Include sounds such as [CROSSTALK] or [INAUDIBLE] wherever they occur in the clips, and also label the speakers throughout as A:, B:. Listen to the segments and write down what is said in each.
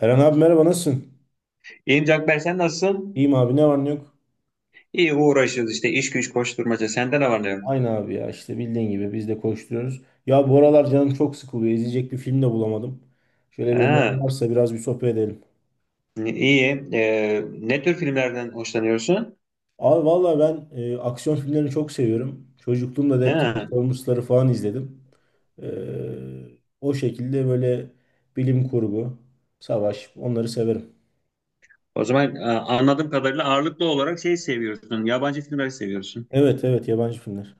A: Eren abi merhaba nasılsın?
B: İyiyim Canberk, sen nasılsın?
A: İyiyim abi ne var ne yok?
B: İyi, uğraşıyoruz işte, iş güç koşturmaca. Sende ne var ne yok?
A: Aynı abi ya işte bildiğin gibi biz de koşturuyoruz. Ya bu aralar canım çok sıkılıyor. İzleyecek bir film de bulamadım. Şöyle bir önerim
B: Ha,
A: varsa biraz bir sohbet edelim.
B: iyi. Ne tür filmlerden hoşlanıyorsun?
A: Abi valla ben aksiyon filmlerini çok seviyorum. Çocukluğumda da hep
B: Ha,
A: Transformers'ları falan izledim. E, O şekilde böyle bilim kurgu, savaş onları severim.
B: O zaman anladığım kadarıyla ağırlıklı olarak şey seviyorsun. Yabancı filmleri seviyorsun.
A: Evet evet, yabancı filmler.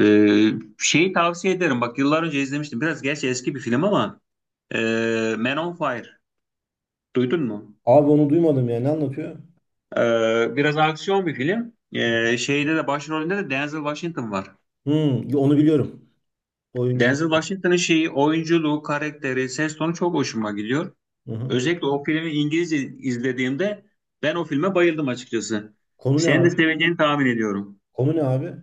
B: Ee, Şeyi tavsiye ederim. Bak, yıllar önce izlemiştim. Biraz gerçi eski bir film ama e, Man on Fire. Duydun mu?
A: Abi onu duymadım ya, ne anlatıyor?
B: Biraz aksiyon bir film. Şeyde de başrolünde de Denzel Washington var.
A: Hmm, onu biliyorum. Oyuncuyu
B: Denzel
A: biliyorum.
B: Washington'ın şeyi, oyunculuğu, karakteri, ses tonu çok hoşuma gidiyor.
A: Hı hı.
B: Özellikle o filmi İngilizce izlediğimde ben o filme bayıldım açıkçası.
A: Konu ne
B: Sen de
A: abi?
B: seveceğini tahmin ediyorum.
A: Konu ne abi?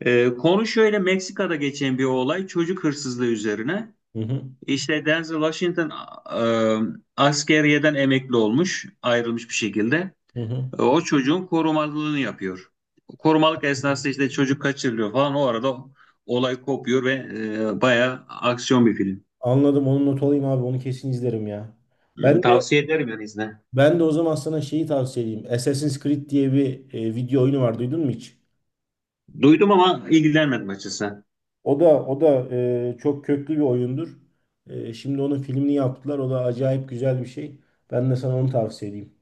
B: Konu şöyle, Meksika'da geçen bir olay, çocuk hırsızlığı üzerine.
A: Hı hı.
B: İşte Denzel Washington askeriyeden emekli olmuş, ayrılmış bir şekilde.
A: Hı hı.
B: O çocuğun korumalılığını yapıyor. Korumalık esnasında işte çocuk kaçırılıyor falan. O arada olay kopuyor ve bayağı aksiyon bir film.
A: Anladım. Onu not alayım abi. Onu kesin izlerim ya.
B: Hı,
A: Ben de
B: tavsiye ederim yani, izle.
A: ben de o zaman sana şeyi tavsiye edeyim. Assassin's Creed diye bir video oyunu var. Duydun mu hiç?
B: Duydum ama ilgilenmedim açıkçası.
A: O da çok köklü bir oyundur. Şimdi onun filmini yaptılar. O da acayip güzel bir şey. Ben de sana onu tavsiye edeyim.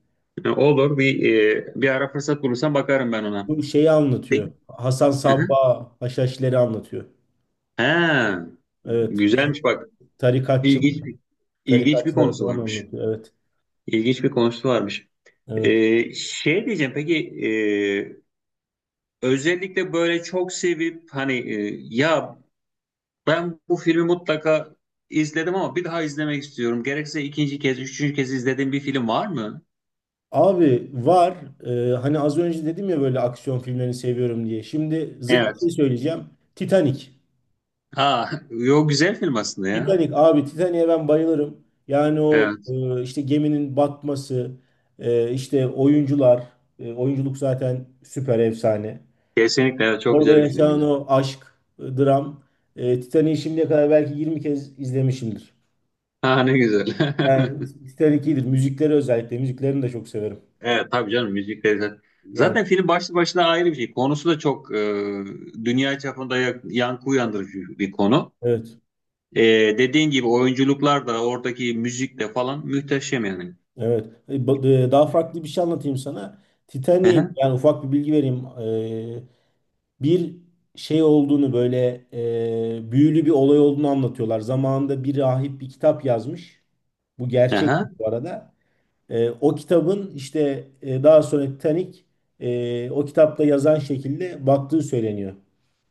B: Olur, bir ara fırsat bulursam bakarım ben ona.
A: Bu şeyi anlatıyor.
B: Peki.
A: Hasan
B: Hı hı.
A: Sabbah Haşhaşileri anlatıyor.
B: Ha,
A: Evet.
B: güzelmiş bak.
A: Tarikatçılar,
B: İlginç bir ilginç bir
A: tarikatçıları
B: konusu
A: falan
B: varmış.
A: anlatıyor. Evet.
B: İlginç bir konusu varmış.
A: Evet.
B: Şey diyeceğim, peki e, özellikle böyle çok sevip hani ben bu filmi mutlaka izledim ama bir daha izlemek istiyorum. Gerekse ikinci kez, üçüncü kez izlediğim bir film var mı?
A: Abi var. Ee, Hani az önce dedim ya böyle aksiyon filmlerini seviyorum diye. Şimdi zıt bir
B: Evet.
A: şey söyleyeceğim. Titanic.
B: Ha, [LAUGHS] yo, güzel film aslında ya.
A: Titanic abi, Titanic'e ben bayılırım. Yani o
B: Evet.
A: işte geminin batması, işte oyuncular, oyunculuk zaten süper efsane.
B: Kesinlikle evet, çok
A: Orada
B: güzel bir
A: yaşanan
B: filmdi.
A: o aşk, dram. Titanic'i şimdiye kadar belki 20 kez izlemişimdir.
B: Ha, ne güzel.
A: Yani
B: [LAUGHS]
A: Titanic iyidir. Müzikleri özellikle. Müziklerini de çok severim.
B: Evet tabii canım, müzik de zaten,
A: Yani
B: zaten film başlı başına ayrı bir şey. Konusu da çok dünya çapında yankı uyandırıcı bir konu.
A: evet.
B: E, Dediğin gibi oyunculuklar da oradaki müzik de falan muhteşem yani.
A: Evet. Daha farklı bir şey anlatayım sana.
B: Hı
A: Titanic'in
B: hı,
A: yani ufak bir bilgi vereyim. E, Bir şey olduğunu böyle büyülü bir olay olduğunu anlatıyorlar. Zamanında bir rahip bir kitap yazmış. Bu
B: hı
A: gerçek
B: hı.
A: bu arada. O kitabın işte daha sonra Titanic o kitapta yazan şekilde baktığı söyleniyor.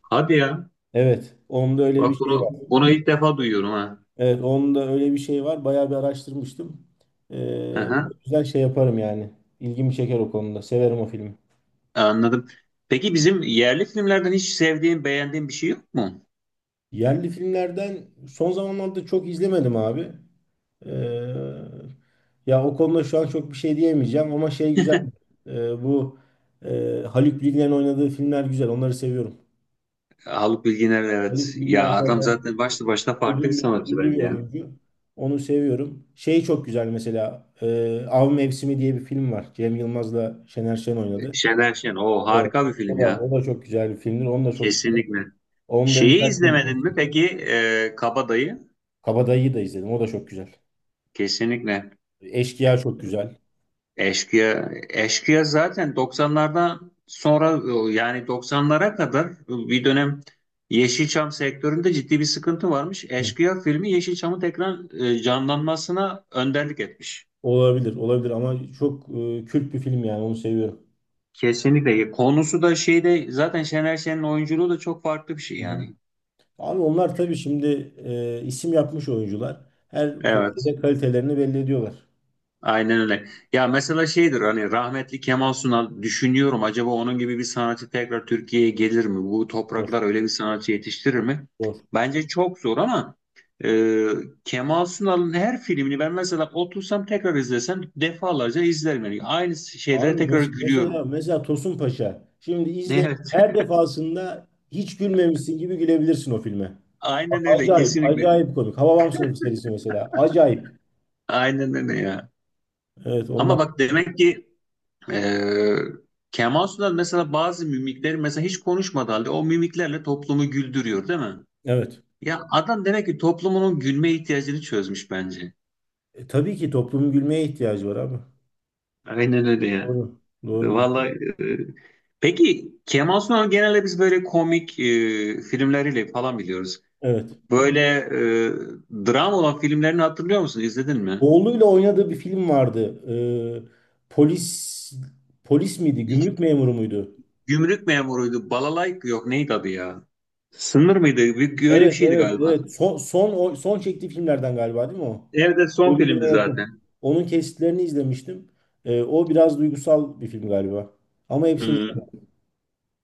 B: Hadi ya.
A: Evet. Onda öyle bir
B: Bak,
A: şey
B: bunu
A: var.
B: bunu ilk defa duyuyorum ha.
A: Evet, onun öyle bir şey var. Bayağı bir araştırmıştım.
B: Hı hı,
A: O şey yaparım yani. İlgimi çeker o konuda. Severim o filmi.
B: anladım. Peki bizim yerli filmlerden hiç sevdiğin, beğendiğin bir şey yok mu?
A: Yerli filmlerden son zamanlarda çok izlemedim abi. Ee, Ya o konuda şu an çok bir şey diyemeyeceğim ama şey güzel. Ee, bu Haluk Bilginer'in oynadığı filmler güzel. Onları seviyorum.
B: Haluk Bilginer,
A: Haluk
B: evet.
A: Bilginer
B: Ya adam
A: zaten
B: zaten başlı başına farklı bir
A: ödüllü,
B: sanatçı
A: ödüllü bir
B: bence ya.
A: oyuncu. Onu seviyorum. Şey çok güzel mesela. Av Mevsimi diye bir film var. Cem Yılmaz'la Şener Şen oynadı.
B: Şener Şen. O
A: Evet,
B: harika bir
A: o
B: film
A: da
B: ya.
A: o da çok güzel bir filmdir. Onu da çok severim.
B: Kesinlikle.
A: Onu da
B: Şeyi
A: birkaç film
B: izlemedin mi
A: izlemiştim.
B: peki, Kabadayı?
A: Kabadayı'yı da izledim. O da çok güzel.
B: Kesinlikle.
A: Eşkıya çok güzel.
B: Eşkıya, Eşkıya zaten 90'lardan sonra, yani 90'lara kadar bir dönem Yeşilçam sektöründe ciddi bir sıkıntı varmış.
A: Hı.
B: Eşkıya filmi Yeşilçam'ın tekrar canlanmasına önderlik etmiş.
A: Olabilir, olabilir ama çok kült bir film yani, onu seviyorum.
B: Kesinlikle. Konusu da şeyde, zaten Şener Şen'in oyunculuğu da çok farklı bir şey
A: Hı hı.
B: yani.
A: Abi onlar tabii şimdi isim yapmış oyuncular. Her
B: Evet.
A: projede kalitelerini belli ediyorlar.
B: Aynen öyle. Ya mesela şeydir hani, rahmetli Kemal Sunal, düşünüyorum acaba onun gibi bir sanatçı tekrar Türkiye'ye gelir mi? Bu
A: Zor,
B: topraklar öyle bir sanatçı yetiştirir mi?
A: zor.
B: Bence çok zor ama e, Kemal Sunal'ın her filmini ben mesela otursam tekrar izlesem defalarca izlerim. Yani aynı şeylere
A: Abi
B: tekrar
A: mesela
B: gülüyorum. [LAUGHS]
A: mesela Tosun Paşa. Şimdi izle,
B: Evet.
A: her defasında hiç gülmemişsin gibi gülebilirsin o filme.
B: Aynen öyle,
A: Acayip,
B: kesinlikle.
A: acayip komik. Hababam Sınıfı serisi mesela. Acayip.
B: Aynen öyle ya.
A: Evet
B: Ama
A: onlar,
B: bak demek ki e, Kemal Sunal mesela bazı mimikleri, mesela hiç konuşmadığı halde o mimiklerle toplumu güldürüyor değil mi?
A: evet.
B: Ya adam demek ki toplumunun gülme ihtiyacını çözmüş bence.
A: Tabii ki toplumun gülmeye ihtiyacı var abi.
B: Aynen öyle ya.
A: Doğru. Doğru, diyorsun.
B: Vallahi e, peki Kemal Sunal genelde biz böyle komik filmleriyle falan biliyoruz.
A: Evet.
B: Böyle dram olan filmlerini hatırlıyor musun? İzledin mi?
A: Oğluyla oynadığı bir film vardı. Ee, polis polis miydi? Gümrük memuru muydu?
B: Gümrük memuruydu. Balalay yok, neydi adı ya? Sınır mıydı? Bir, öyle bir
A: Evet,
B: şeydi
A: evet,
B: galiba.
A: evet. Son çektiği filmlerden galiba değil mi o?
B: Evde son filmdi
A: Ölümüne yakın.
B: zaten.
A: Onun kesitlerini izlemiştim. O biraz duygusal bir film galiba. Ama hepsini
B: Hmm.
A: izlemedim.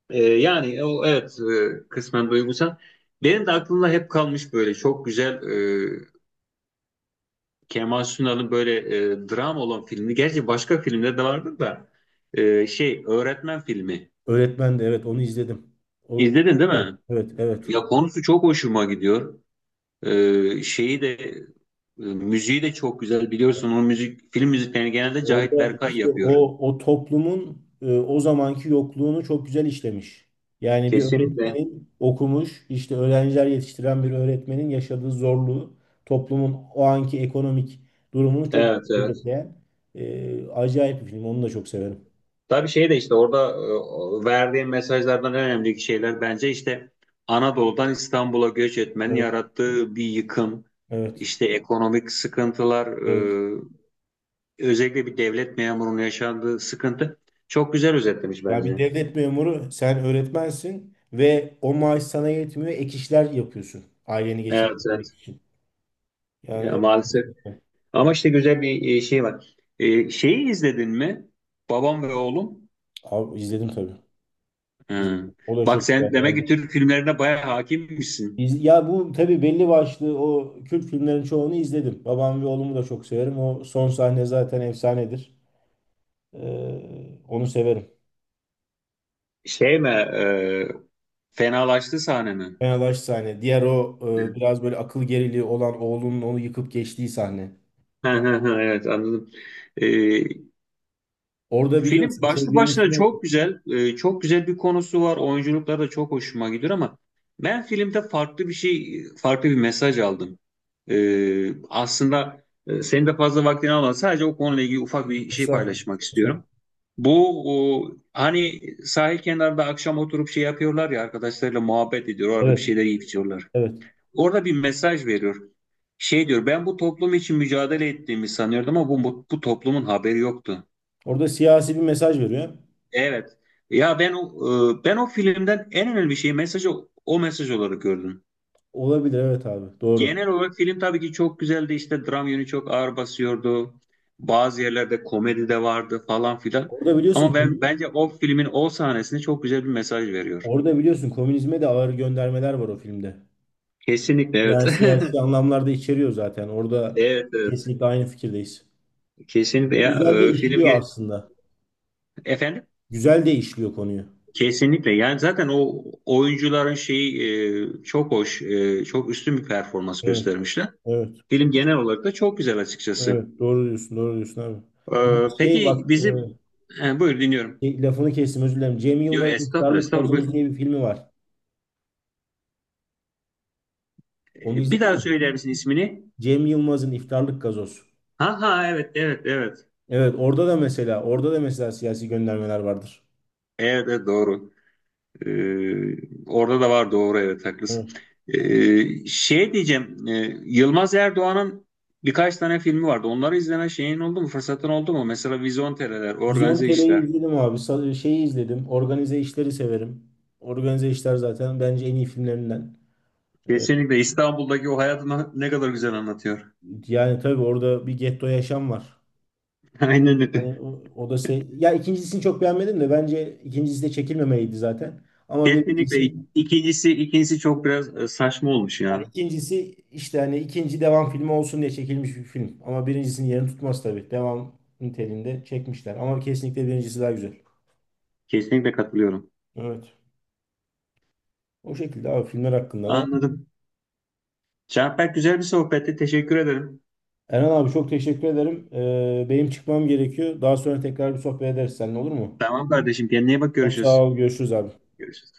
B: Yani o, evet kısmen duygusal. Benim de aklımda hep kalmış böyle çok güzel e, Kemal Sunal'ın böyle dram olan filmi, gerçi başka filmde de vardı da şey, öğretmen filmi.
A: Öğretmen de evet, onu izledim. O,
B: İzledin değil mi?
A: evet, evet.
B: Ya konusu çok hoşuma gidiyor. Şeyi de müziği de çok güzel biliyorsun. O müzik, film müziklerini genelde Cahit
A: Orada
B: Berkay
A: işte
B: yapıyor.
A: o toplumun o zamanki yokluğunu çok güzel işlemiş. Yani bir
B: Kesinlikle.
A: öğretmenin okumuş, işte öğrenciler yetiştiren bir öğretmenin yaşadığı zorluğu, toplumun o anki ekonomik durumunu çok
B: Evet
A: güzel
B: evet.
A: özetleyen acayip bir film. Onu da çok severim.
B: Tabii şey de işte orada verdiğim mesajlardan en önemli şeyler bence işte Anadolu'dan İstanbul'a göç etmenin
A: Evet,
B: yarattığı bir yıkım,
A: evet,
B: işte ekonomik sıkıntılar,
A: evet.
B: özellikle bir devlet memurunun yaşandığı sıkıntı, çok güzel özetlemiş
A: Ya bir
B: bence.
A: devlet memuru, sen öğretmensin ve o maaş sana yetmiyor, ek işler yapıyorsun aileni
B: Evet, evet.
A: geçindirmek için. Yani
B: Ya,
A: evet,
B: maalesef.
A: kesinlikle.
B: Ama işte güzel bir şey var. Şeyi izledin mi? Babam ve Oğlum.
A: Abi, izledim tabii.
B: Hı.
A: İzledim. O da çok
B: Bak
A: güzel
B: sen demek
A: yani.
B: ki Türk filmlerine bayağı hakimmişsin.
A: Ya bu tabii belli başlı o Kürt filmlerin çoğunu izledim. Babam ve oğlumu da çok severim. O son sahne zaten efsanedir. Onu severim.
B: Şey mi? Fenalaştı sahne mi?
A: Fenabaş sahne. Diğer o biraz böyle akıl geriliği olan oğlunun onu yıkıp geçtiği sahne.
B: Hı, hı, hı, evet anladım. E,
A: Orada
B: Film
A: biliyorsun
B: başlı
A: çocuğun
B: başına
A: ismi.
B: çok güzel, çok güzel bir konusu var. Oyunculukları da çok hoşuma gidiyor ama ben filmde farklı bir şey, farklı bir mesaj aldım. E, Aslında senin de fazla vaktini almadan sadece o konuyla ilgili ufak bir şey
A: Estağfurullah.
B: paylaşmak
A: Estağfurullah.
B: istiyorum. Bu o, hani sahil kenarında akşam oturup şey yapıyorlar ya, arkadaşlarıyla muhabbet ediyor, orada bir
A: Evet.
B: şeyler yiyip içiyorlar.
A: Evet.
B: Orada bir mesaj veriyor. Şey diyor, ben bu toplum için mücadele ettiğimi sanıyordum ama bu toplumun haberi yoktu.
A: Orada siyasi bir mesaj veriyor.
B: Evet. Ya ben o ben o filmden en önemli şeyi, mesajı, o mesaj olarak gördüm.
A: Olabilir evet abi. Doğru.
B: Genel olarak film tabii ki çok güzeldi. İşte dram yönü çok ağır basıyordu. Bazı yerlerde komedi de vardı falan filan.
A: Orada biliyorsun
B: Ama ben bence o filmin o sahnesinde çok güzel bir mesaj veriyor.
A: orada biliyorsun komünizme de ağır göndermeler var o filmde.
B: Kesinlikle evet.
A: Yani
B: [LAUGHS]
A: siyasi anlamlarda içeriyor zaten. Orada
B: Evet evet.
A: kesinlikle aynı fikirdeyiz.
B: Kesinlikle ya,
A: Güzel de işliyor aslında.
B: efendim,
A: Güzel de işliyor konuyu.
B: kesinlikle yani zaten o oyuncuların şeyi, çok hoş, çok üstün bir performans
A: Evet,
B: göstermişler.
A: evet,
B: Film genel olarak da çok güzel açıkçası.
A: evet. Doğru diyorsun abi. Şey
B: Peki
A: bak,
B: bizim buyur, dinliyorum.
A: lafını kestim özür dilerim. Cem
B: Diyor
A: Yılmaz'ın
B: estağfurullah,
A: İftarlık
B: estağfurullah,
A: Gazoz
B: buyur.
A: diye bir filmi var. Onu
B: Bir
A: izledin
B: daha
A: mi?
B: söyler misin ismini?
A: Cem Yılmaz'ın İftarlık Gazoz.
B: Ha ha, evet evet evet.
A: Evet, orada da mesela siyasi göndermeler vardır.
B: Evet, evet doğru. Orada da var, doğru, evet haklısın.
A: Evet.
B: Şey diyeceğim, Yılmaz Erdoğan'ın birkaç tane filmi vardı. Onları izleme şeyin oldu mu? Fırsatın oldu mu? Mesela Vizontere'ler,
A: Vizyon
B: Organize
A: TR'yi
B: İşler.
A: izledim abi. Şeyi izledim. Organize işleri severim. Organize işler zaten bence en iyi filmlerinden. E,
B: Kesinlikle, İstanbul'daki o hayatını ne kadar güzel anlatıyor.
A: Yani tabii orada bir getto yaşam var.
B: [LAUGHS] Aynen öyle.
A: Yani o, o da şey. Ya ikincisini çok beğenmedim de bence ikincisi de çekilmemeliydi zaten. Ama
B: Kesinlikle
A: birincisi
B: ikincisi, ikincisi çok biraz saçma olmuş
A: yani
B: ya.
A: ikincisi işte hani ikinci devam filmi olsun diye çekilmiş bir film. Ama birincisinin yerini tutmaz tabii. Devam niteliğinde çekmişler. Ama kesinlikle birincisi daha güzel.
B: Kesinlikle katılıyorum.
A: Evet. O şekilde abi, filmler hakkında da.
B: Anladım. Canberk, güzel bir sohbetti. Teşekkür ederim.
A: Eren abi çok teşekkür ederim. Benim çıkmam gerekiyor. Daha sonra tekrar bir sohbet ederiz seninle, olur mu?
B: Tamam kardeşim. Kendine iyi bak.
A: Çok sağ
B: Görüşürüz.
A: ol. Görüşürüz abi.
B: Görüşürüz.